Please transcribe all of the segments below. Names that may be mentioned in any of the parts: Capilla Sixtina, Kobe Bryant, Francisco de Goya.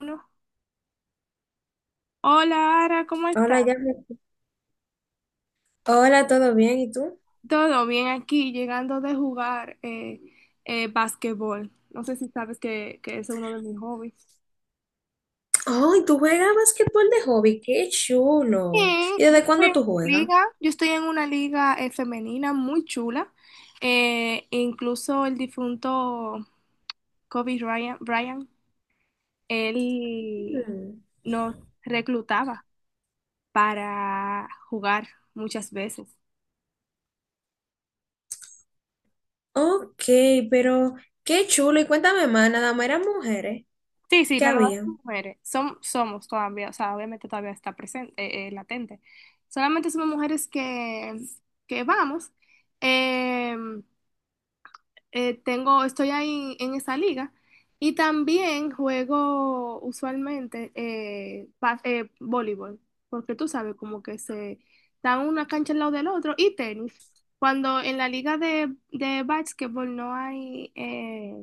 Uno. Hola, Ara, ¿cómo estás? Hola, ya. Hola, ¿todo bien? ¿Y tú? Todo bien aquí, llegando de jugar basquetbol. No sé si sabes que es uno de mis hobbies. Ay, tú juegas basquetbol de hobby, qué chulo. ¿Y Sí, desde yo estoy cuándo en tú juegas? Yo estoy en una liga, femenina muy chula. Incluso el difunto Kobe Bryant, él Mm. nos reclutaba para jugar muchas veces. Ok, pero qué chulo. Y cuéntame más, nada más eran mujeres. Sí, sí, ¿Qué no nomás había? como mujeres. Somos todavía, o sea, obviamente todavía está presente, latente. Solamente somos mujeres que vamos. Eh, Estoy ahí en esa liga. Y también juego usualmente voleibol, porque tú sabes, como que se dan una cancha al lado del otro, y tenis. Cuando en la liga de básquetbol no hay,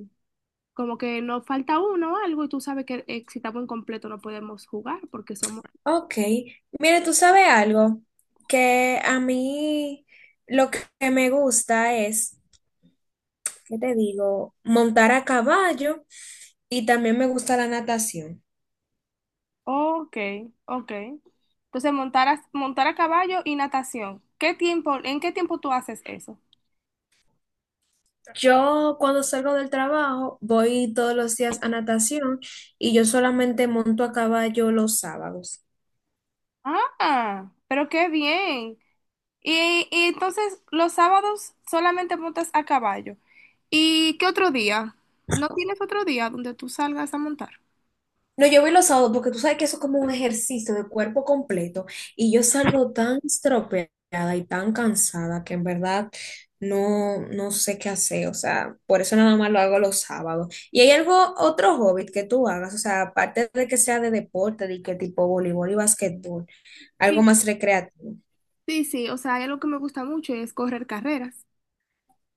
como que nos falta uno o algo y tú sabes que si estamos incompleto no podemos jugar porque somos. Ok, mire, tú sabes algo que a mí lo que me gusta es, ¿qué te digo? Montar a caballo y también me gusta la natación. Ok, ok. Entonces, montar a caballo y natación. ¿En qué tiempo tú haces eso? Yo cuando salgo del trabajo voy todos los días a natación y yo solamente monto a caballo los sábados. Ah, pero qué bien. Y entonces, los sábados solamente montas a caballo. ¿Y qué otro día? ¿No tienes otro día donde tú salgas a montar? No, yo voy los sábados porque tú sabes que eso es como un ejercicio de cuerpo completo y yo salgo tan estropeada y tan cansada que en verdad no, no sé qué hacer. O sea, por eso nada más lo hago los sábados. ¿Y hay algo, otro hobby que tú hagas? O sea, aparte de que sea de deporte, de que tipo voleibol y basquetbol, algo Sí, más recreativo. sí, sí, o sea, hay algo que me gusta mucho y es correr carreras.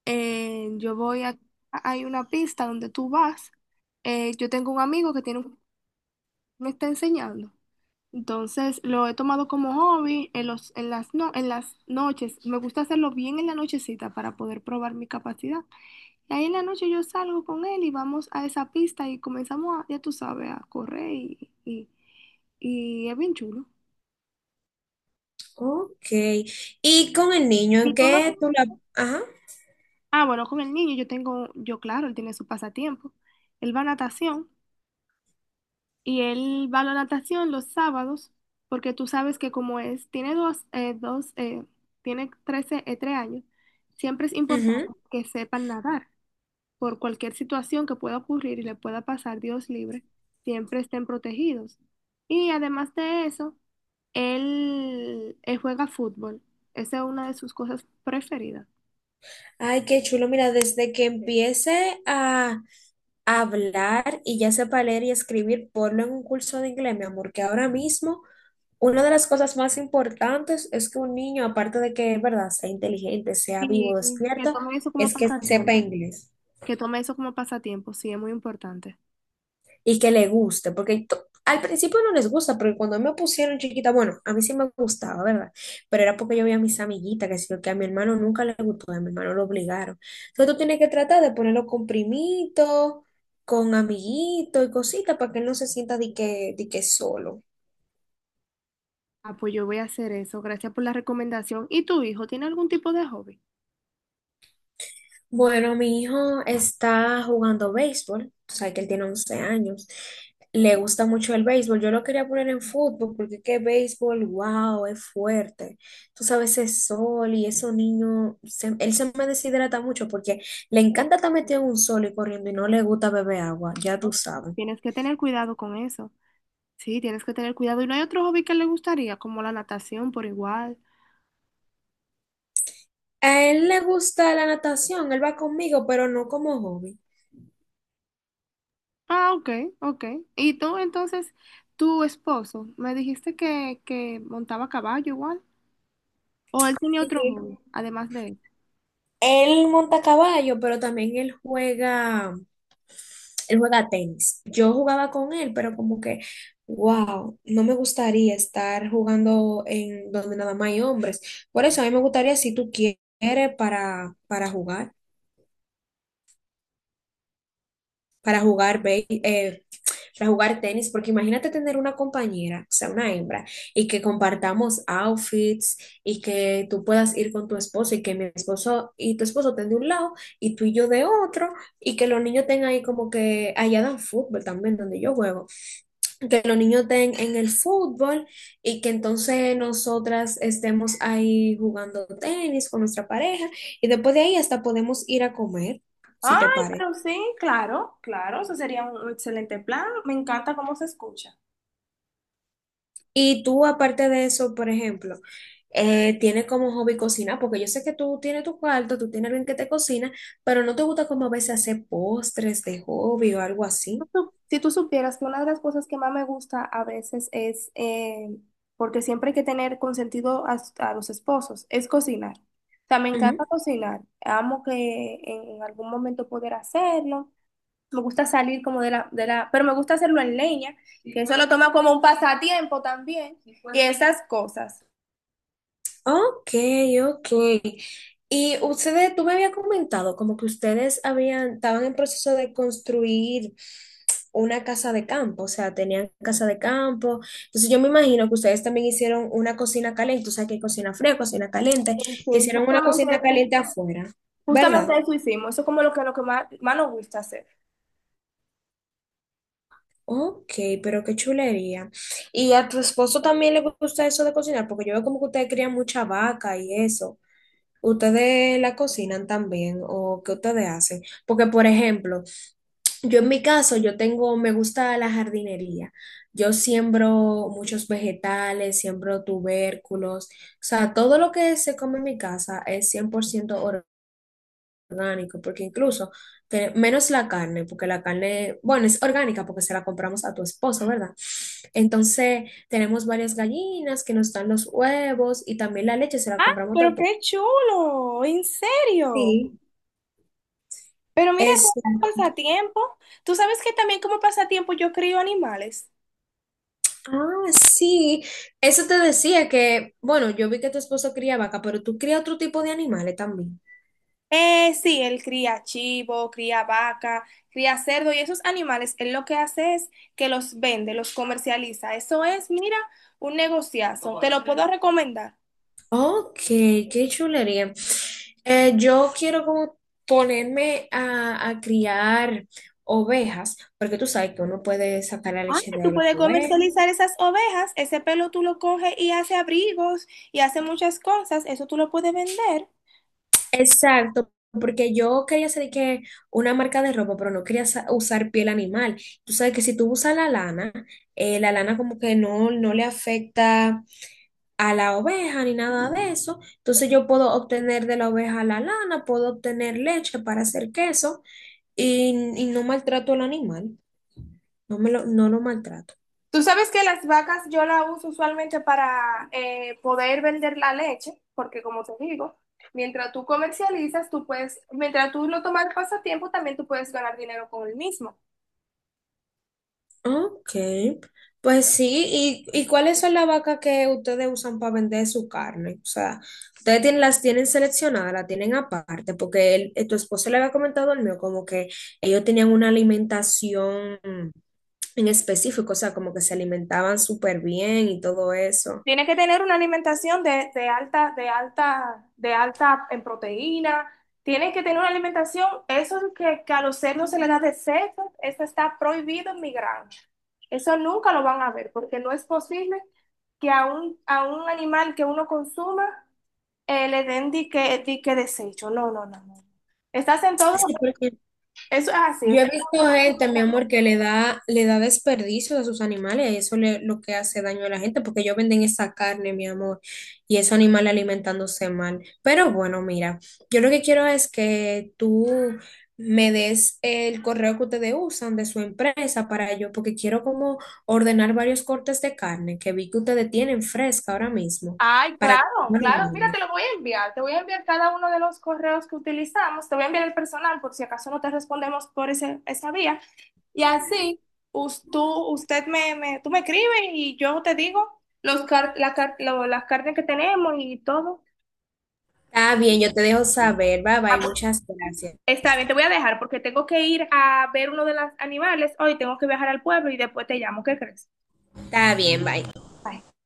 eh, yo voy a, Hay una pista donde tú vas, yo tengo un amigo que me está enseñando. Entonces lo he tomado como hobby en los, en las, no, en las noches. Me gusta hacerlo bien en la nochecita para poder probar mi capacidad. Y ahí en la noche yo salgo con él y vamos a esa pista y comenzamos a, ya tú sabes, a correr y es bien chulo. Ok. Y con el niño, ¿Y ¿en tú lo qué tú tienes? la... Ajá. Ah, bueno, con el niño yo tengo, yo claro, él tiene su pasatiempo. Él va a natación. Y él va a la natación los sábados, porque tú sabes que como es, tiene dos, tiene 13 3 años, siempre es importante Ujú. que sepan nadar. Por cualquier situación que pueda ocurrir y le pueda pasar, Dios libre, siempre estén protegidos. Y además de eso, él juega fútbol. Esa es una de sus cosas preferidas. Ay, qué chulo. Mira, desde que empiece a hablar y ya sepa leer y escribir, ponlo en un curso de inglés, mi amor, que ahora mismo una de las cosas más importantes es que un niño, aparte de que, verdad, sea inteligente, sea Y vivo, que despierto, tome eso como es que sepa pasatiempo. inglés. Que tome eso como pasatiempo, sí, es muy importante. Y que le guste, porque al principio no les gusta, porque cuando me pusieron chiquita, bueno, a mí sí me gustaba, ¿verdad? Pero era porque yo veía a mis amiguitas, que sí, que a mi hermano nunca le gustó, a mi hermano lo obligaron. Entonces tú tienes que tratar de ponerlo con primitos, con amiguitos y cositas para que él no se sienta de que solo. Ah, pues yo voy a hacer eso. Gracias por la recomendación. ¿Y tu hijo tiene algún tipo de hobby? Bueno, mi hijo está jugando béisbol, o sea que él tiene 11 años. Le gusta mucho el béisbol. Yo lo quería poner en fútbol porque qué béisbol, wow, es fuerte. Tú sabes, es sol y esos niños, él se me deshidrata mucho porque le encanta estar metido en un sol y corriendo y no le gusta beber agua, ya tú No. sabes. Tienes que tener cuidado con eso. Sí, tienes que tener cuidado. ¿Y no hay otro hobby que le gustaría, como la natación por igual? A él le gusta la natación, él va conmigo, pero no como hobby. Ah, ok, ok. ¿Y tú entonces, tu esposo, me dijiste que montaba caballo igual? ¿O él tenía otro Sí. hobby, además de eso? Él monta caballo, pero también él juega. Él juega tenis. Yo jugaba con él, pero como que, wow, no me gustaría estar jugando en donde nada más hay hombres. Por eso a mí me gustaría, si tú quieres, para jugar, para jugar, para jugar tenis, porque imagínate tener una compañera, o sea, una hembra, y que compartamos outfits y que tú puedas ir con tu esposo y que mi esposo y tu esposo estén de un lado y tú y yo de otro y que los niños tengan ahí como que allá dan fútbol también donde yo juego. Que los niños den en el fútbol y que entonces nosotras estemos ahí jugando tenis con nuestra pareja y después de ahí hasta podemos ir a comer, si Ay, te parece. pero sí, claro, claro, eso sería un excelente plan. Me encanta cómo se escucha. Y tú, aparte de eso, por ejemplo, tienes como hobby cocinar, porque yo sé que tú tienes tu cuarto, tú tienes alguien que te cocina, pero no te gusta como a veces hacer postres de hobby o algo así. Si tú supieras que una de las cosas que más me gusta a veces es, porque siempre hay que tener consentido a los esposos, es cocinar. O sea, me encanta cocinar. Amo que en algún momento poder hacerlo. Me gusta salir como pero me gusta hacerlo en leña, que eso lo toma como un pasatiempo también, y esas cosas. Ok, ok. Y ustedes, tú me habías comentado como que ustedes habían, estaban en proceso de construir una casa de campo, o sea, tenían casa de campo. Entonces yo me imagino que ustedes también hicieron una cocina caliente, o sea, que hay cocina fría, cocina caliente, Sí, que sí, hicieron una justamente cocina eso, caliente afuera, ¿verdad? justamente eso hicimos. Eso es como lo que más, más nos gusta hacer. Ok, pero qué chulería. ¿Y a tu esposo también le gusta eso de cocinar? Porque yo veo como que ustedes crían mucha vaca y eso. ¿Ustedes la cocinan también o qué ustedes hacen? Porque, por ejemplo, yo en mi caso, yo tengo, me gusta la jardinería. Yo siembro muchos vegetales, siembro tubérculos. O sea, todo lo que se come en mi casa es 100% orgánico, porque incluso, menos la carne, porque la carne, bueno, es orgánica porque se la compramos a tu esposo, ¿verdad? Entonces, tenemos varias gallinas que nos dan los huevos y también la leche se la Ah, compramos pero todo. qué chulo, en serio. Sí. Pero mira, como pasatiempo, tú sabes que también como pasatiempo yo crío animales. Ah, sí, eso te decía que, bueno, yo vi que tu esposo cría vaca, pero tú crías otro tipo de animales también. Sí, él cría chivo, cría vaca, cría cerdo y esos animales, él lo que hace es que los vende, los comercializa. Eso es, mira, un negociazo. Te lo puedo recomendar. Ok, qué chulería. Yo quiero como ponerme a criar ovejas, porque tú sabes que uno puede sacar la Ah, leche tú de la puedes oveja. comercializar esas ovejas, ese pelo tú lo coges y hace abrigos y hace muchas cosas, eso tú lo puedes vender. Exacto, porque yo quería hacer de que una marca de ropa, pero no quería usar piel animal. Tú sabes que si tú usas la lana como que no, no le afecta a la oveja ni nada de eso. Entonces yo puedo obtener de la oveja la lana, puedo obtener leche para hacer queso y no maltrato al animal, no me lo, no lo maltrato. Tú sabes que las vacas yo las uso usualmente para poder vender la leche, porque como te digo, mientras tú comercializas, mientras tú lo tomas pasatiempo, también tú puedes ganar dinero con el mismo. Okay, pues sí, y cuáles son las vacas que ustedes usan para vender su carne? O sea, ustedes tienen, las tienen seleccionadas, las tienen aparte, porque tu esposo le había comentado al mío como que ellos tenían una alimentación en específico, o sea, como que se alimentaban súper bien y todo eso. Tienes que tener una alimentación de alta en proteína. Tienes que tener una alimentación, eso que a los cerdos se les da de seco, eso está prohibido en mi granja. Eso nunca lo van a ver, porque no es posible que a un animal que uno consuma, le den di que desecho. No, no, no, no. Estás en todo, Sí. eso es así. Eso Yo es he visto todo. gente, mi amor, que le da desperdicio a sus animales y eso le, lo que hace daño a la gente, porque ellos venden esa carne, mi amor, y esos animales alimentándose mal. Pero bueno, mira, yo lo que quiero es que tú me des el correo que ustedes usan de su empresa para yo, porque quiero como ordenar varios cortes de carne que vi que ustedes tienen fresca ahora mismo, Ay, para que... claro, claro. Mira, te lo voy a enviar. Te voy a enviar cada uno de los correos que utilizamos. Te voy a enviar el personal por si acaso no te respondemos por esa vía. Y así, us- tú, tú me escribes y yo te digo los car- la car- lo- las carnes que tenemos y todo. Está bien, yo te dejo saber, bye Ah, bye, pues, muchas gracias. está bien, te voy a dejar porque tengo que ir a ver uno de los animales hoy. Tengo que viajar al pueblo y después te llamo. ¿Qué crees? Está bien, bye. Bye.